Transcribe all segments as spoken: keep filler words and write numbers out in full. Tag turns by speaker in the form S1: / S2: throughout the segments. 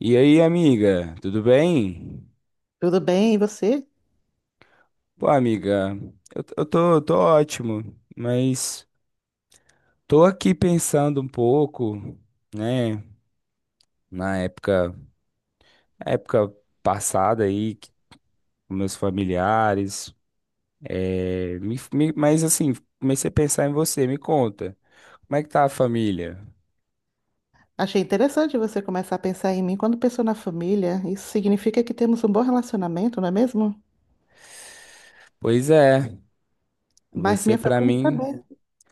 S1: E aí, amiga, tudo bem?
S2: Tudo bem, e você?
S1: Pô, amiga, eu, t- eu tô, tô ótimo, mas tô aqui pensando um pouco, né, na época, época passada aí, que- com meus familiares, é, me- me- mas assim, comecei a pensar em você, me conta, como é que tá a família?
S2: Achei interessante você começar a pensar em mim quando pensou na família. Isso significa que temos um bom relacionamento, não é mesmo?
S1: Pois é,
S2: Mas
S1: você
S2: minha
S1: pra
S2: família está
S1: mim.
S2: bem.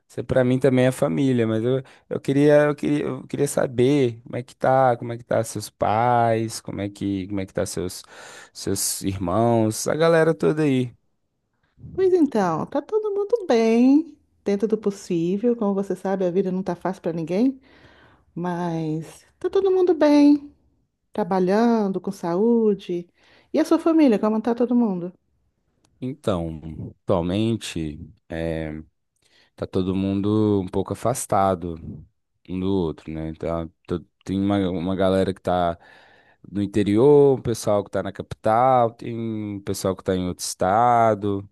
S1: Isso para mim também é família, mas eu, eu queria, eu queria, eu queria saber como é que tá, como é que tá seus pais, como é que, como é que tá seus, seus irmãos, a galera toda aí.
S2: Pois então, tá todo mundo bem, dentro do possível. Como você sabe, a vida não tá fácil para ninguém, mas tá todo mundo bem, trabalhando, com saúde. E a sua família, como tá todo mundo?
S1: Então, atualmente, eh, tá todo mundo um pouco afastado um do outro, né? Tá, to- tem uma, uma galera que tá no interior, um pessoal que tá na capital, tem um pessoal que tá em outro estado.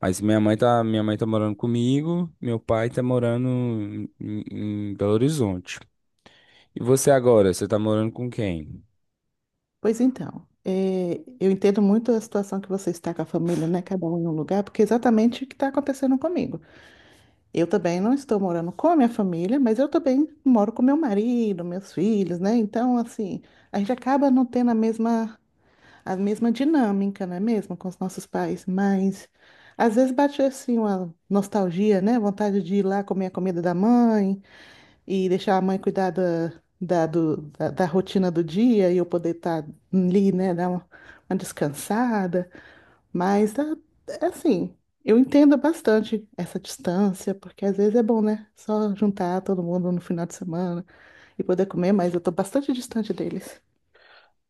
S1: Mas minha mãe tá, minha mãe tá morando comigo, meu pai tá morando em, em Belo Horizonte. E você agora, você tá morando com quem?
S2: Pois então, eh, eu entendo muito a situação que você está com a família, né? Cada um em um lugar, porque é exatamente o que está acontecendo comigo. Eu também não estou morando com a minha família, mas eu também moro com meu marido, meus filhos, né? Então, assim, a gente acaba não tendo a mesma, a mesma dinâmica, não é mesmo, com os nossos pais, mas às vezes bate assim uma nostalgia, né? Vontade de ir lá comer a comida da mãe e deixar a mãe cuidar da, da, do- da, da rotina do dia e eu poder estar ali, né? Dar uma, uma descansada. Mas ah, é assim, eu entendo bastante essa distância, porque às vezes é bom, né? Só juntar todo mundo no final de semana e poder comer, mas eu tô bastante distante deles.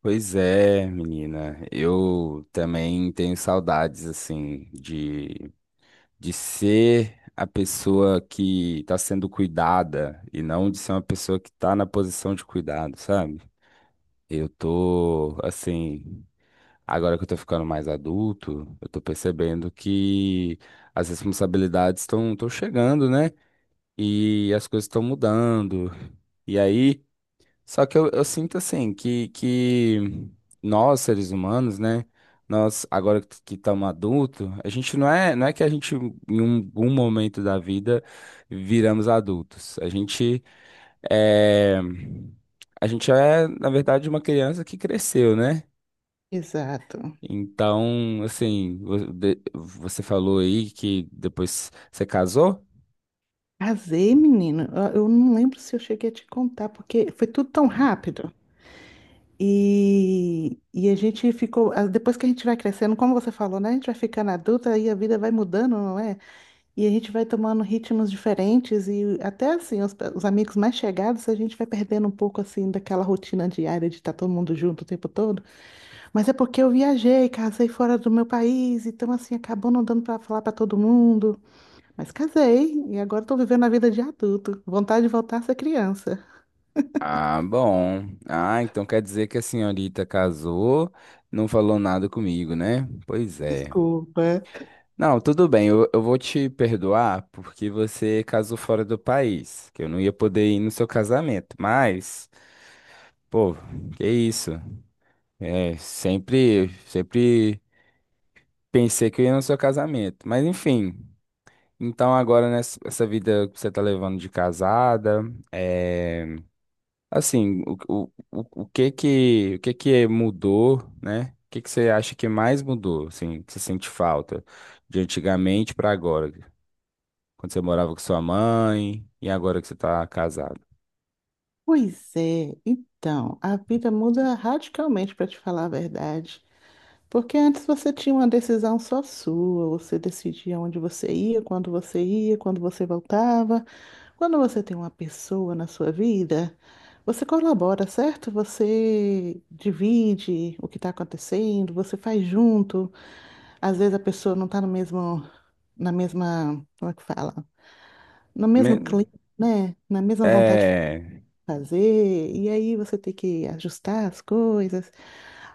S1: Pois é, menina, eu também tenho saudades, assim, de, de ser a pessoa que tá sendo cuidada e não de ser uma pessoa que tá na posição de cuidado, sabe? Eu tô, assim, agora que eu tô ficando mais adulto, eu tô percebendo que as responsabilidades estão chegando, né? E as coisas estão mudando. E aí, só que eu, eu sinto assim que, que nós, seres humanos, né? Nós, agora que que estamos adultos, a gente não é, não é que a gente, em um, um momento da vida, viramos adultos. A gente é, a gente é, na verdade, uma criança que cresceu, né?
S2: Exato.
S1: Então, assim, vo- de- você falou aí que depois você casou?
S2: Casei, menino. Eu eu não lembro se eu cheguei a te contar, porque foi tudo tão rápido. E, e a gente ficou, ah, depois que a gente vai crescendo, como você falou, né? A gente vai ficando adulta e a vida vai mudando, não é? E a gente vai tomando ritmos diferentes e até assim, os, os amigos mais chegados, a gente vai perdendo um pouco assim daquela rotina diária de estar todo mundo junto o tempo todo. Mas é porque eu viajei, casei fora do meu país, então assim, acabou não dando para falar para todo mundo. Mas casei e agora estou vivendo a vida de adulto. Vontade de voltar a ser criança.
S1: Ah, bom. Ah, então quer dizer que a senhorita casou, não falou nada comigo, né? Pois é.
S2: Desculpa.
S1: Não, tudo bem, eu, eu vou te perdoar porque você casou fora do país, que eu não ia poder ir no seu casamento, mas, pô, que isso, é, sempre, sempre pensei que eu ia no seu casamento, mas enfim, então agora nessa essa vida que você tá levando de casada, é, assim, o, o, o, o que que, o que que mudou, né? O que que você acha que mais mudou, assim, que você sente falta de antigamente pra agora? Quando você morava com sua mãe e agora que você tá casado.
S2: Pois é, então, a vida muda radicalmente, para te falar a verdade. Porque antes você tinha uma decisão só sua, você decidia onde você ia, quando você ia, quando você voltava. Quando você tem uma pessoa na sua vida, você colabora, certo? Você divide o que está acontecendo, você faz junto. Às vezes a pessoa não está no mesmo, na mesma, como é que fala? No mesmo
S1: Me-
S2: clima, né? Na mesma vontade
S1: É,
S2: fazer, e aí você tem que ajustar as coisas.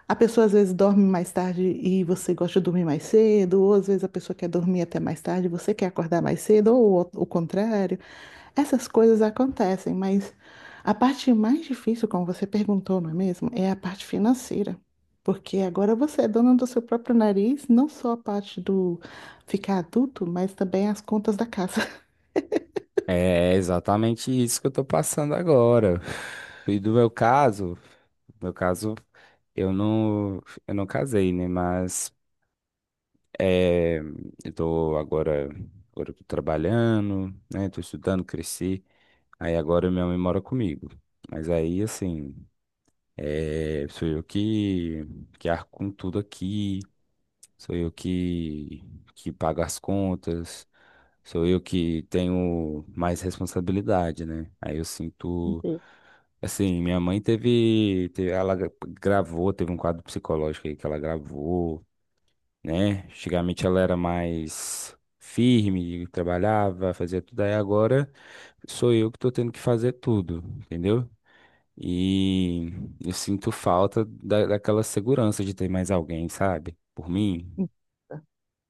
S2: A pessoa às vezes dorme mais tarde e você gosta de dormir mais cedo, ou às vezes a pessoa quer dormir até mais tarde e você quer acordar mais cedo, ou o o contrário. Essas coisas acontecem, mas a parte mais difícil, como você perguntou, não é mesmo? É a parte financeira. Porque agora você é dona do seu próprio nariz, não só a parte do ficar adulto, mas também as contas da casa.
S1: é exatamente isso que eu tô passando agora. E do meu caso, meu caso, eu não, eu não casei, né? Mas é, eu tô agora, agora eu tô trabalhando, né? Tô estudando, cresci. Aí agora minha mãe mora comigo. Mas aí, assim, é, sou eu que, que arco com tudo aqui. Sou eu que, que pago as contas, sou eu que tenho mais responsabilidade, né? Aí eu sinto. Assim, minha mãe teve, te- Ela gra- gravou, teve um quadro psicológico aí que ela gravou, né? Antigamente ela era mais firme, trabalhava, fazia tudo. Aí agora sou eu que tô tendo que fazer tudo, entendeu? E eu sinto falta da, daquela segurança de ter mais alguém, sabe? Por mim.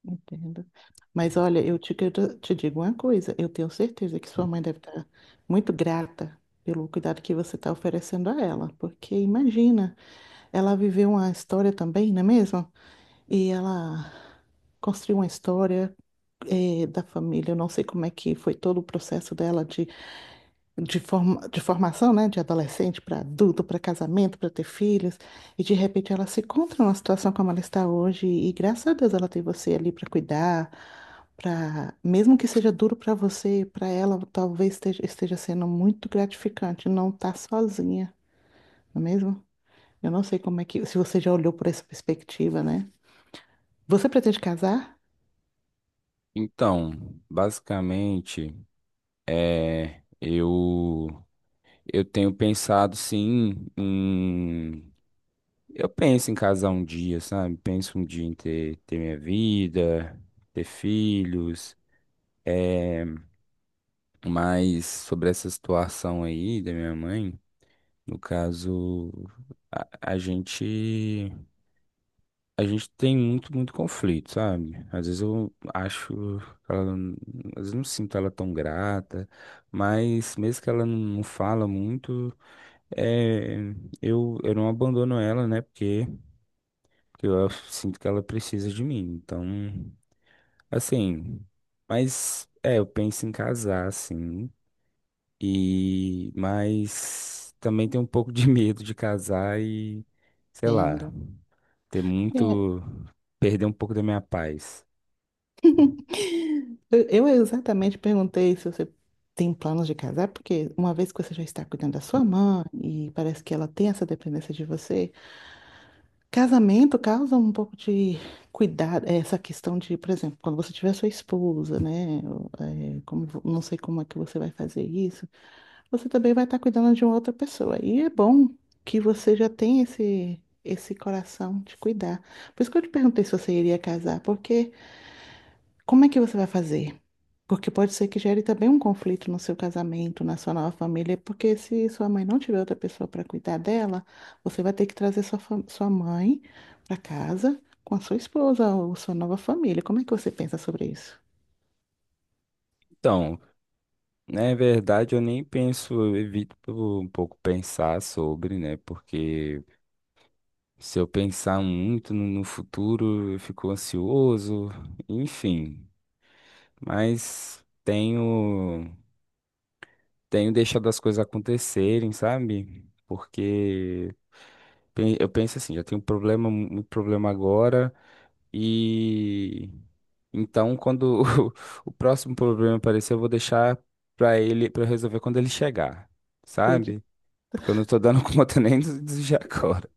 S2: Entendo. Mas olha, eu te, quero- te digo uma coisa, eu tenho certeza que sua mãe deve estar muito grata pelo cuidado que você está oferecendo a ela, porque imagina, ela viveu uma história também, não é mesmo? E ela construiu uma história eh, da família, eu não sei como é que foi todo o processo dela de, forma, de formação, né, de adolescente para adulto, para casamento, para ter filhos, e de repente ela se encontra numa situação como ela está hoje, e graças a Deus ela tem você ali para cuidar, para mesmo que seja duro para você, para ela talvez esteja, esteja sendo muito gratificante não estar sozinha, não é mesmo? Eu não sei como é que, se você já olhou por essa perspectiva, né? Você pretende casar?
S1: Então, basicamente, é, eu eu tenho pensado sim em eu penso em casar um dia, sabe? Penso um dia em ter, ter minha vida, ter filhos, é, mas sobre essa situação aí da minha mãe, no caso, a, a gente a gente tem muito, muito conflito, sabe? Às vezes eu acho que ela, n- às vezes não sinto ela tão grata, mas mesmo que ela não não fala muito, é, eu, eu não abandono ela, né? Porque, porque eu sinto que ela precisa de mim. Então, assim, mas é, eu penso em casar, sim. E, mas também tenho um pouco de medo de casar e, sei lá,
S2: Entendo.
S1: ter muito, perder um pouco da minha paz.
S2: Eu eu exatamente perguntei se você tem planos de casar, porque uma vez que você já está cuidando da sua mãe e parece que ela tem essa dependência de você, casamento causa um pouco de cuidado, é, essa questão de, por exemplo, quando você tiver sua esposa, né? Ou, é, como, vo- não sei como é que você vai fazer isso, você também vai estar cuidando de uma outra pessoa. E é bom que você já tem esse, esse coração de cuidar. Por isso que eu te perguntei se você iria casar, porque como é que você vai fazer? Porque pode ser que gere também um conflito no seu casamento, na sua nova família, porque se sua mãe não tiver outra pessoa para cuidar dela, você vai ter que trazer sua, fam- sua mãe para casa com a sua esposa ou sua nova família. Como é que você pensa sobre isso?
S1: Então, na verdade, eu nem penso, eu evito um pouco pensar sobre, né? Porque se eu pensar muito no, no futuro, eu fico ansioso, enfim. Mas tenho, tenho deixado as coisas acontecerem, sabe? Porque Pen- Eu penso assim, já tenho um problema, um um problema agora e então quando o, o próximo problema aparecer, eu vou deixar pra ele para resolver quando ele chegar,
S2: Acredito.
S1: sabe? Porque eu não tô dando conta nem dos dos de agora.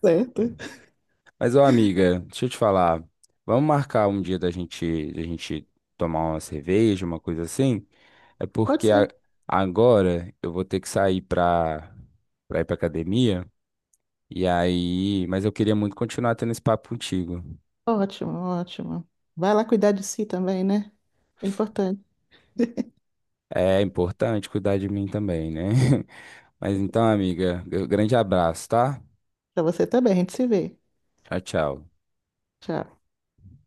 S2: Certo.
S1: Mas, ô amiga, deixa eu te falar. Vamos marcar um dia da gente, da gente tomar uma cerveja, uma coisa assim? É
S2: Pode
S1: porque a-
S2: ser.
S1: agora eu vou ter que sair pra, pra ir pra academia. E aí, mas eu queria muito continuar tendo esse papo contigo.
S2: Ótimo, ótimo. Vai lá cuidar de si também, né? É importante.
S1: É importante cuidar de mim também, né? Mas então, amiga, grande abraço, tá?
S2: Para você também, a gente se vê.
S1: Tchau, tchau.
S2: Tchau.